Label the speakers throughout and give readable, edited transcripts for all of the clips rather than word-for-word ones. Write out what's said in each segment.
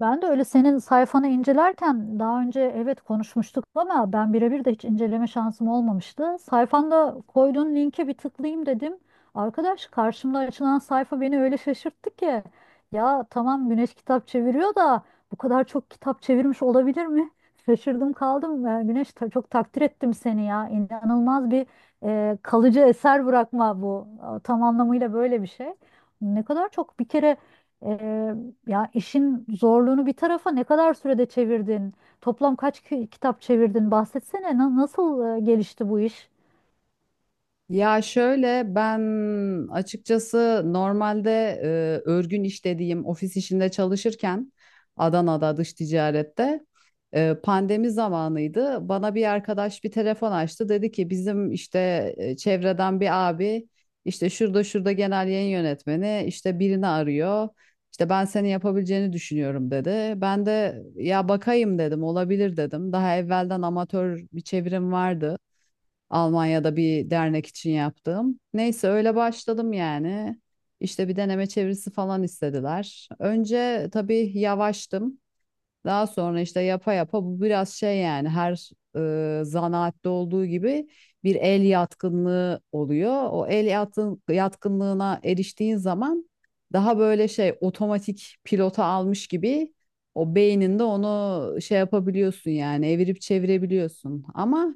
Speaker 1: Ben de öyle senin sayfanı incelerken daha önce evet konuşmuştuk ama ben birebir de hiç inceleme şansım olmamıştı. Sayfanda koyduğun linke bir tıklayayım dedim. Arkadaş karşımda açılan sayfa beni öyle şaşırttı ki. Ya tamam Güneş kitap çeviriyor da bu kadar çok kitap çevirmiş olabilir mi? Şaşırdım kaldım. Güneş çok takdir ettim seni ya. İnanılmaz bir kalıcı eser bırakma bu. Tam anlamıyla böyle bir şey. Ne kadar çok bir kere. e, Ya işin zorluğunu bir tarafa, ne kadar sürede çevirdin? Toplam kaç kitap çevirdin? Bahsetsene nasıl gelişti bu iş?
Speaker 2: Ya şöyle ben açıkçası normalde e, örgün iş dediğim ofis işinde çalışırken Adana'da dış ticarette pandemi zamanıydı. Bana bir arkadaş bir telefon açtı. Dedi ki bizim işte çevreden bir abi işte şurada şurada genel yayın yönetmeni işte birini arıyor. İşte ben senin yapabileceğini düşünüyorum dedi. Ben de ya bakayım dedim, olabilir dedim. Daha evvelden amatör bir çevirim vardı, Almanya'da bir dernek için yaptığım. Neyse, öyle başladım yani. İşte bir deneme çevirisi falan istediler. Önce tabii yavaştım. Daha sonra işte yapa yapa bu biraz şey yani, her zanaatte olduğu gibi bir el yatkınlığı oluyor. O el yatkınlığına eriştiğin zaman daha böyle şey, otomatik pilota almış gibi o beyninde onu şey yapabiliyorsun yani, evirip çevirebiliyorsun. Ama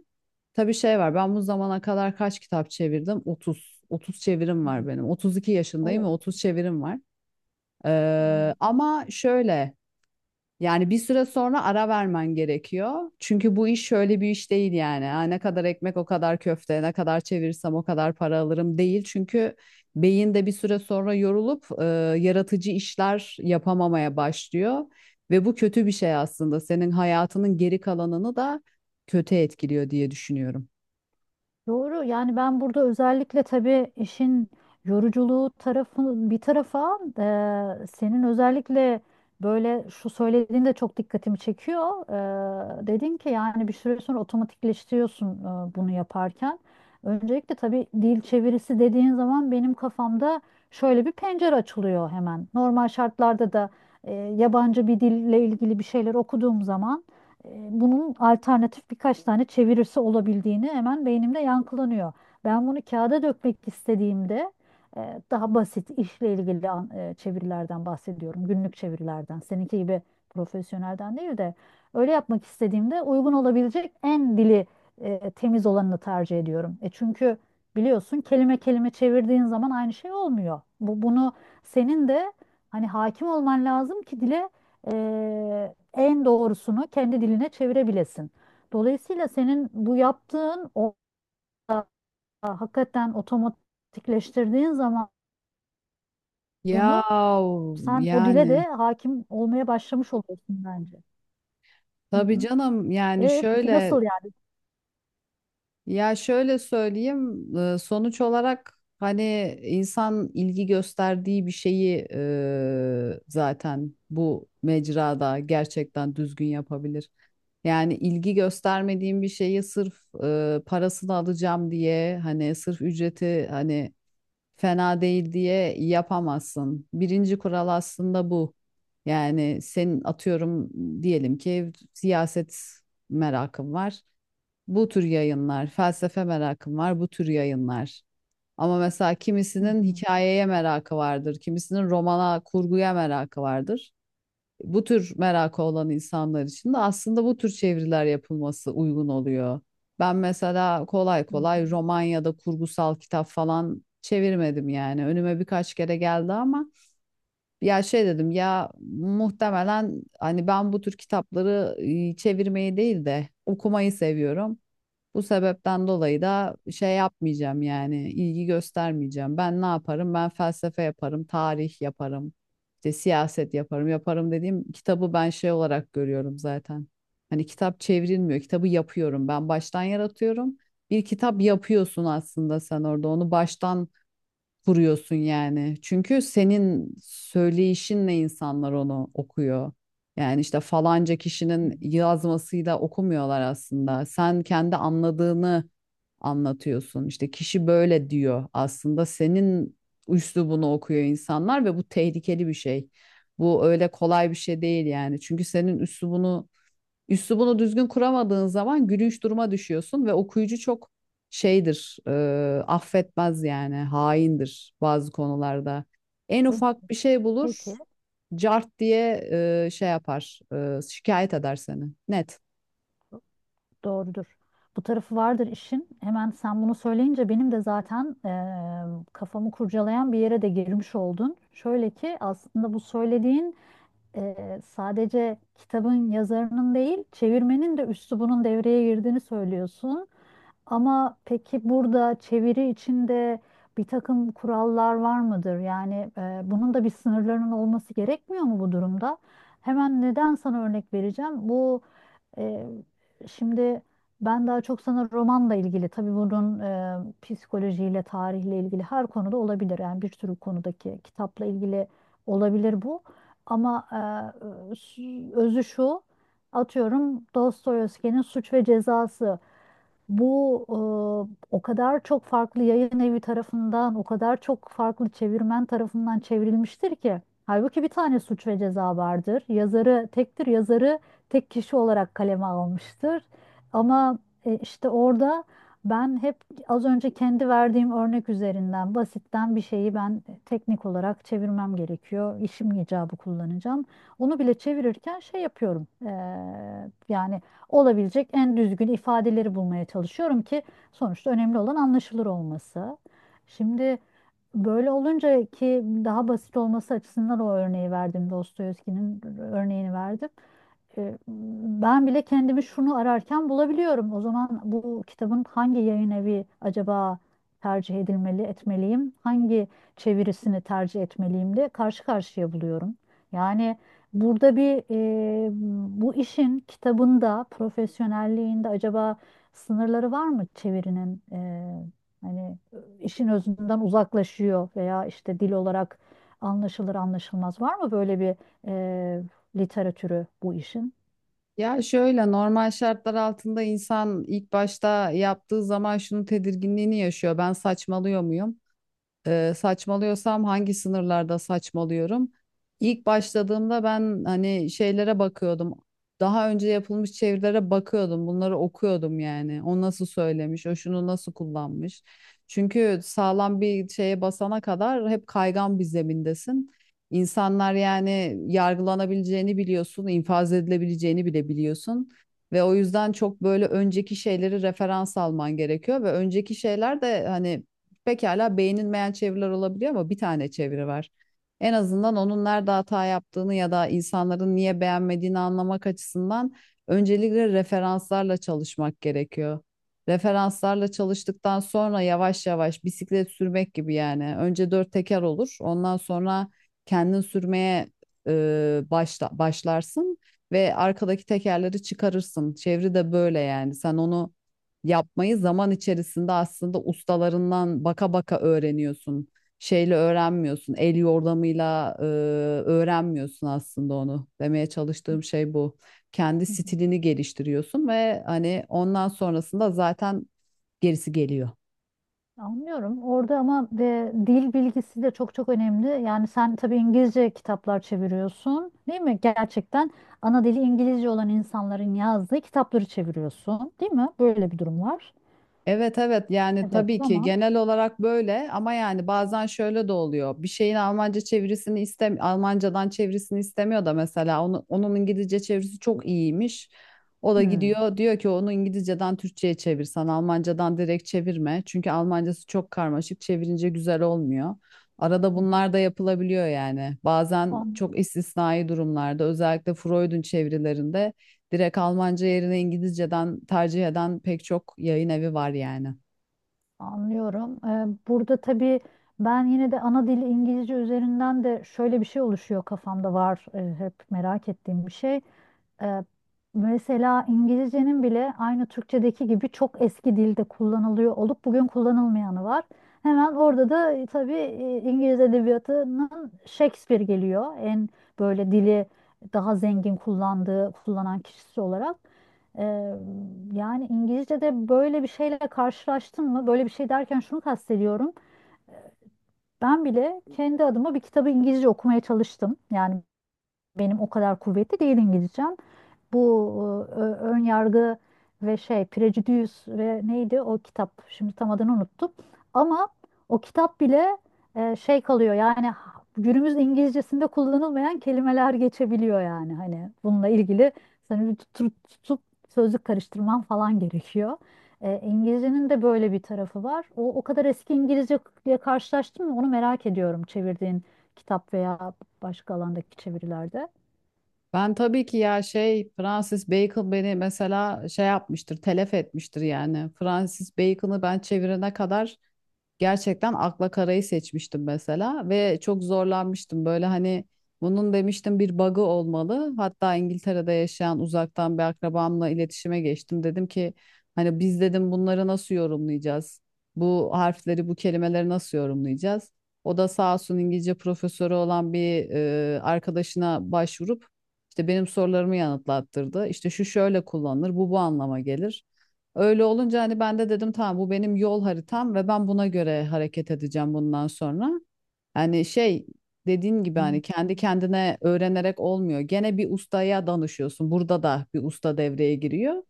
Speaker 2: tabii şey var. Ben bu zamana kadar kaç kitap çevirdim? 30. 30 çevirim
Speaker 1: Hmm.
Speaker 2: var benim. 32 yaşındayım ve
Speaker 1: Evet.
Speaker 2: 30 çevirim var.
Speaker 1: Evet.
Speaker 2: Ama şöyle yani, bir süre sonra ara vermen gerekiyor. Çünkü bu iş şöyle bir iş değil yani. Ha, ne kadar ekmek o kadar köfte, ne kadar çevirirsem o kadar para alırım değil. Çünkü beyin de bir süre sonra yorulup yaratıcı işler yapamamaya başlıyor. Ve bu kötü bir şey aslında. Senin hayatının geri kalanını da kötü etkiliyor diye düşünüyorum.
Speaker 1: Doğru. Yani ben burada özellikle tabii işin yoruculuğu tarafı bir tarafa, senin özellikle böyle şu söylediğin de çok dikkatimi çekiyor. Dedin ki yani bir süre sonra otomatikleştiriyorsun, bunu yaparken. Öncelikle tabii dil çevirisi dediğin zaman benim kafamda şöyle bir pencere açılıyor hemen. Normal şartlarda da yabancı bir dille ilgili bir şeyler okuduğum zaman bunun alternatif birkaç tane çevirisi olabildiğini hemen beynimde yankılanıyor. Ben bunu kağıda dökmek istediğimde daha basit işle ilgili çevirilerden bahsediyorum. Günlük çevirilerden. Seninki gibi profesyonelden değil de öyle yapmak istediğimde uygun olabilecek en dili temiz olanını tercih ediyorum. Çünkü biliyorsun kelime kelime çevirdiğin zaman aynı şey olmuyor. Bunu senin de hani hakim olman lazım ki dile, en doğrusunu kendi diline çevirebilesin. Dolayısıyla senin bu yaptığın o hakikaten otomatikleştirdiğin zaman
Speaker 2: Ya
Speaker 1: bunu sen o dile
Speaker 2: yani
Speaker 1: de hakim olmaya başlamış oluyorsun bence. Hı
Speaker 2: tabii
Speaker 1: hı.
Speaker 2: canım, yani
Speaker 1: Peki
Speaker 2: şöyle,
Speaker 1: nasıl yani?
Speaker 2: ya şöyle söyleyeyim, sonuç olarak hani insan ilgi gösterdiği bir şeyi zaten bu mecrada gerçekten düzgün yapabilir. Yani ilgi göstermediğim bir şeyi sırf parasını alacağım diye, hani sırf ücreti hani fena değil diye yapamazsın. Birinci kural aslında bu. Yani senin, atıyorum, diyelim ki siyaset merakın var, bu tür yayınlar; felsefe merakın var, bu tür yayınlar. Ama mesela
Speaker 1: Hı
Speaker 2: kimisinin
Speaker 1: hı,
Speaker 2: hikayeye merakı vardır, kimisinin romana, kurguya merakı vardır. Bu tür merakı olan insanlar için de aslında bu tür çeviriler yapılması uygun oluyor. Ben mesela kolay
Speaker 1: hı hı,
Speaker 2: kolay roman ya da kurgusal kitap falan çevirmedim yani. Önüme birkaç kere geldi ama ya şey dedim ya, muhtemelen hani ben bu tür kitapları çevirmeyi değil de okumayı seviyorum. Bu sebepten dolayı da şey yapmayacağım yani, ilgi göstermeyeceğim. Ben ne yaparım? Ben felsefe yaparım, tarih yaparım, işte siyaset yaparım. Yaparım dediğim, kitabı ben şey olarak görüyorum zaten. Hani kitap çevrilmiyor, kitabı yapıyorum. Ben baştan yaratıyorum. Bir kitap yapıyorsun aslında sen orada. Onu baştan kuruyorsun yani. Çünkü senin söyleyişinle insanlar onu okuyor. Yani işte falanca
Speaker 1: hı
Speaker 2: kişinin
Speaker 1: hı.
Speaker 2: yazmasıyla okumuyorlar aslında. Sen kendi anladığını anlatıyorsun. İşte kişi böyle diyor aslında. Senin üslubunu okuyor insanlar ve bu tehlikeli bir şey. Bu öyle kolay bir şey değil yani. Çünkü senin üslubunu düzgün kuramadığın zaman gülünç duruma düşüyorsun ve okuyucu çok şeydir, affetmez yani, haindir bazı konularda. En
Speaker 1: Pe-
Speaker 2: ufak bir şey bulur,
Speaker 1: Peki.
Speaker 2: cart diye şey yapar, şikayet eder seni. Net.
Speaker 1: Doğrudur. Bu tarafı vardır işin. Hemen sen bunu söyleyince benim de zaten, kafamı kurcalayan bir yere de girmiş oldun. Şöyle ki aslında bu söylediğin, sadece kitabın yazarının değil, çevirmenin de üslubunun devreye girdiğini söylüyorsun. Ama peki burada çeviri içinde bir takım kurallar var mıdır? Yani bunun da bir sınırlarının olması gerekmiyor mu bu durumda? Hemen neden sana örnek vereceğim? E, Şimdi ben daha çok sana romanla ilgili, tabii bunun psikolojiyle, tarihle ilgili her konuda olabilir. Yani bir sürü konudaki kitapla ilgili olabilir bu. Ama e, özü şu, atıyorum Dostoyevski'nin Suç ve Cezası. Bu O kadar çok farklı yayın evi tarafından, o kadar çok farklı çevirmen tarafından çevrilmiştir ki. Halbuki bir tane Suç ve Ceza vardır. Yazarı tektir, yazarı tek kişi olarak kaleme almıştır. Ama işte orada ben hep az önce kendi verdiğim örnek üzerinden basitten bir şeyi ben teknik olarak çevirmem gerekiyor. İşim icabı kullanacağım. Onu bile çevirirken şey yapıyorum. Yani olabilecek en düzgün ifadeleri bulmaya çalışıyorum ki sonuçta önemli olan anlaşılır olması. Şimdi böyle olunca ki daha basit olması açısından o örneği verdim. Dostoyevski'nin örneğini verdim. E, Ben bile kendimi şunu ararken bulabiliyorum. O zaman bu kitabın hangi yayın evi acaba tercih edilmeli, etmeliyim? Hangi çevirisini tercih etmeliyim de karşı karşıya buluyorum. Yani burada e, bu işin kitabında, profesyonelliğinde acaba sınırları var mı çevirinin? Hani işin özünden uzaklaşıyor veya işte dil olarak anlaşılır anlaşılmaz var mı böyle bir e, literatürü bu işin?
Speaker 2: Ya şöyle, normal şartlar altında insan ilk başta yaptığı zaman şunun tedirginliğini yaşıyor: ben saçmalıyor muyum? Saçmalıyorsam hangi sınırlarda saçmalıyorum? İlk başladığımda ben hani şeylere bakıyordum. Daha önce yapılmış çevirilere bakıyordum. Bunları okuyordum yani. O nasıl söylemiş, o şunu nasıl kullanmış. Çünkü sağlam bir şeye basana kadar hep kaygan bir zemindesin. İnsanlar, yani yargılanabileceğini biliyorsun, infaz edilebileceğini bile biliyorsun. Ve o yüzden çok böyle önceki şeyleri referans alman gerekiyor ve önceki şeyler de hani pekala beğenilmeyen çeviriler olabiliyor ama bir tane çeviri var. En azından onun nerede hata yaptığını ya da insanların niye beğenmediğini anlamak açısından öncelikle referanslarla çalışmak gerekiyor. Referanslarla çalıştıktan sonra yavaş yavaş, bisiklet sürmek gibi yani. Önce dört teker olur, ondan sonra kendin sürmeye başlarsın ve arkadaki tekerleri çıkarırsın. Çeviri de böyle yani. Sen onu yapmayı zaman içerisinde aslında ustalarından baka baka öğreniyorsun. Şeyle öğrenmiyorsun, el yordamıyla öğrenmiyorsun aslında onu. Demeye çalıştığım şey bu. Kendi stilini geliştiriyorsun ve hani ondan sonrasında zaten gerisi geliyor.
Speaker 1: Anlıyorum. Orada ama dil bilgisi de çok çok önemli. Yani sen tabii İngilizce kitaplar çeviriyorsun, değil mi? Gerçekten ana dili İngilizce olan insanların yazdığı kitapları çeviriyorsun, değil mi? Böyle bir durum var.
Speaker 2: Evet evet, yani
Speaker 1: Evet,
Speaker 2: tabii ki
Speaker 1: tamam.
Speaker 2: genel olarak böyle ama yani bazen şöyle de oluyor. Bir şeyin Almancadan çevirisini istemiyor da mesela, onu, onun İngilizce çevirisi çok iyiymiş. O da
Speaker 1: Hmm.
Speaker 2: gidiyor, diyor ki onu İngilizceden Türkçe'ye çevirsen, Almancadan direkt çevirme. Çünkü Almancası çok karmaşık, çevirince güzel olmuyor. Arada
Speaker 1: Hı
Speaker 2: bunlar da yapılabiliyor yani. Bazen
Speaker 1: hı.
Speaker 2: çok istisnai durumlarda, özellikle Freud'un çevirilerinde, direkt Almanca yerine İngilizceden tercih eden pek çok yayın evi var yani.
Speaker 1: Anlıyorum. Burada tabii ben yine de ana dili İngilizce üzerinden de şöyle bir şey oluşuyor kafamda var, hep merak ettiğim bir şey. Ee, Mesela İngilizcenin bile aynı Türkçedeki gibi çok eski dilde kullanılıyor olup bugün kullanılmayanı var. Hemen orada da tabii İngiliz edebiyatının Shakespeare geliyor. En böyle dili daha zengin kullandığı, kullanan kişisi olarak. Ee, Yani İngilizce'de böyle bir şeyle karşılaştın mı? Böyle bir şey derken şunu kastediyorum. Ben bile kendi adıma bir kitabı İngilizce okumaya çalıştım. Yani benim o kadar kuvvetli değil İngilizcem. Bu ön yargı ve şey Prejudüs ve neydi o kitap? Şimdi tam adını unuttum. Ama o kitap bile şey kalıyor yani günümüz İngilizcesinde kullanılmayan kelimeler geçebiliyor yani hani bununla ilgili seni bir tutup sözlük karıştırman falan gerekiyor. İngilizcenin de böyle bir tarafı var. O kadar eski İngilizceyle karşılaştın mı? Onu merak ediyorum çevirdiğin kitap veya başka alandaki çevirilerde.
Speaker 2: Ben tabii ki, ya şey, Francis Bacon beni mesela şey yapmıştır, telef etmiştir yani. Francis Bacon'ı ben çevirene kadar gerçekten akla karayı seçmiştim mesela ve çok zorlanmıştım. Böyle hani, bunun demiştim bir bug'ı olmalı. Hatta İngiltere'de yaşayan uzaktan bir akrabamla iletişime geçtim. Dedim ki hani, biz dedim bunları nasıl yorumlayacağız? Bu harfleri, bu kelimeleri nasıl yorumlayacağız? O da sağ olsun, İngilizce profesörü olan bir arkadaşına başvurup işte benim sorularımı yanıtlattırdı. İşte şu şöyle kullanılır, bu bu anlama gelir. Öyle olunca hani ben de dedim, tamam bu benim yol haritam ve ben buna göre hareket edeceğim bundan sonra. Hani şey, dediğin gibi,
Speaker 1: Hmm.
Speaker 2: hani kendi kendine öğrenerek olmuyor. Gene bir ustaya danışıyorsun. Burada da bir usta devreye giriyor.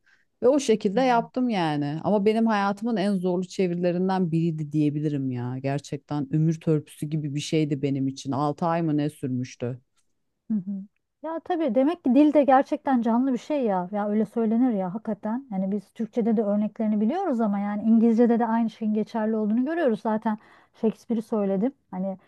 Speaker 2: Ve o şekilde
Speaker 1: Hı
Speaker 2: yaptım yani. Ama benim hayatımın en zorlu çevirilerinden biriydi diyebilirim ya. Gerçekten ömür törpüsü gibi bir şeydi benim için. 6 ay mı ne sürmüştü?
Speaker 1: hı. Ya tabii demek ki dil de gerçekten canlı bir şey ya. Ya öyle söylenir ya hakikaten. Yani biz Türkçe'de de örneklerini biliyoruz ama yani İngilizce'de de aynı şeyin geçerli olduğunu görüyoruz. Zaten Shakespeare'i söyledim. Hani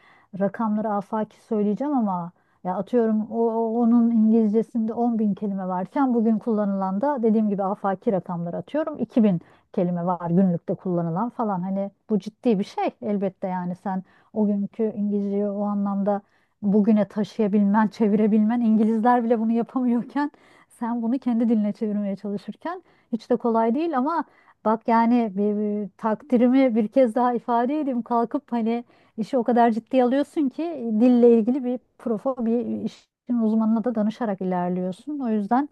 Speaker 1: rakamları afaki söyleyeceğim ama ya atıyorum onun İngilizcesinde 10 bin kelime varken bugün kullanılan da dediğim gibi afaki rakamları atıyorum 2.000 kelime var günlükte kullanılan falan. Hani bu ciddi bir şey elbette yani sen o günkü İngilizceyi o anlamda bugüne taşıyabilmen, çevirebilmen, İngilizler bile bunu yapamıyorken sen bunu kendi diline çevirmeye çalışırken hiç de kolay değil ama bak yani bir takdirimi bir kez daha ifade edeyim. Kalkıp hani işi o kadar ciddiye alıyorsun ki dille ilgili bir işin uzmanına da danışarak ilerliyorsun. O yüzden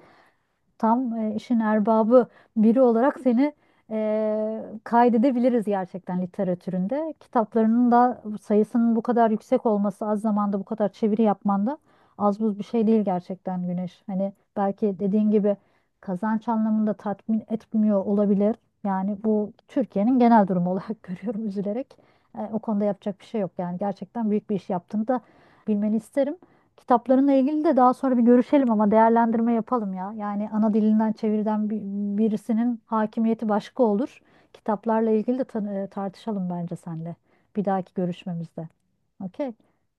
Speaker 1: tam, işin erbabı biri olarak seni, kaydedebiliriz gerçekten literatüründe. Kitaplarının da sayısının bu kadar yüksek olması, az zamanda bu kadar çeviri yapman da az buz bir şey değil gerçekten Güneş. Hani belki dediğin gibi kazanç anlamında tatmin etmiyor olabilir. Yani bu Türkiye'nin genel durumu olarak görüyorum üzülerek. O konuda yapacak bir şey yok. Yani gerçekten büyük bir iş yaptığını da bilmeni isterim. Kitaplarınla ilgili de daha sonra bir görüşelim ama değerlendirme yapalım ya. Yani ana dilinden çevirden birisinin hakimiyeti başka olur. Kitaplarla ilgili de tartışalım bence seninle bir dahaki görüşmemizde. Okey.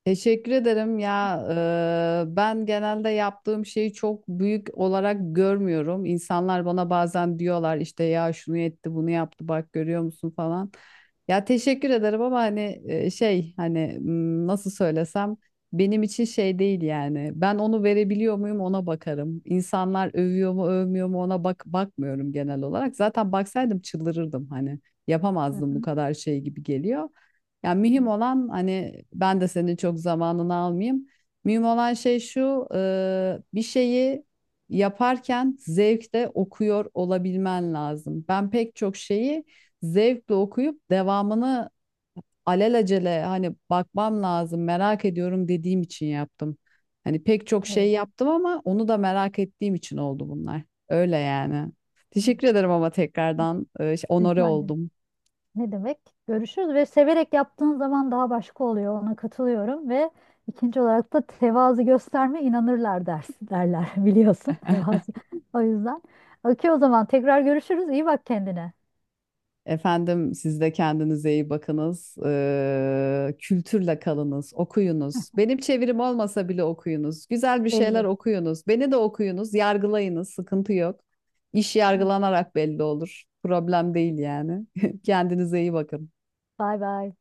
Speaker 2: Teşekkür ederim ya. Ben genelde yaptığım şeyi çok büyük olarak görmüyorum. İnsanlar bana bazen diyorlar işte, ya şunu etti, bunu yaptı, bak görüyor musun falan. Ya teşekkür ederim ama hani şey, hani nasıl söylesem, benim için şey değil yani. Ben onu verebiliyor muyum, ona bakarım. İnsanlar övüyor mu, övmüyor mu, ona bakmıyorum genel olarak. Zaten baksaydım çıldırırdım hani.
Speaker 1: Hı
Speaker 2: Yapamazdım, bu
Speaker 1: hı.
Speaker 2: kadar şey gibi geliyor. Yani mühim olan, hani ben de senin çok zamanını almayayım. Mühim olan şey şu: bir şeyi yaparken zevkle okuyor olabilmen lazım. Ben pek çok şeyi zevkle okuyup, devamını alelacele hani bakmam lazım, merak ediyorum dediğim için yaptım. Hani pek çok şey
Speaker 1: Evet.
Speaker 2: yaptım ama onu da merak ettiğim için oldu bunlar. Öyle yani.
Speaker 1: Evet.
Speaker 2: Teşekkür ederim ama tekrardan, onore
Speaker 1: Rica ederim.
Speaker 2: oldum.
Speaker 1: Ne demek? Görüşürüz ve severek yaptığın zaman daha başka oluyor. Ona katılıyorum ve ikinci olarak da tevazu gösterme inanırlar dersi derler biliyorsun tevazu. O yüzden. Okey o zaman tekrar görüşürüz. İyi bak kendine.
Speaker 2: Efendim, siz de kendinize iyi bakınız. Kültürle kalınız, okuyunuz. Benim çevirim olmasa bile okuyunuz. Güzel bir şeyler
Speaker 1: Elvin.
Speaker 2: okuyunuz. Beni de okuyunuz, yargılayınız, sıkıntı yok. İş
Speaker 1: Evet.
Speaker 2: yargılanarak belli olur. Problem değil yani. Kendinize iyi bakın.
Speaker 1: Bay bay.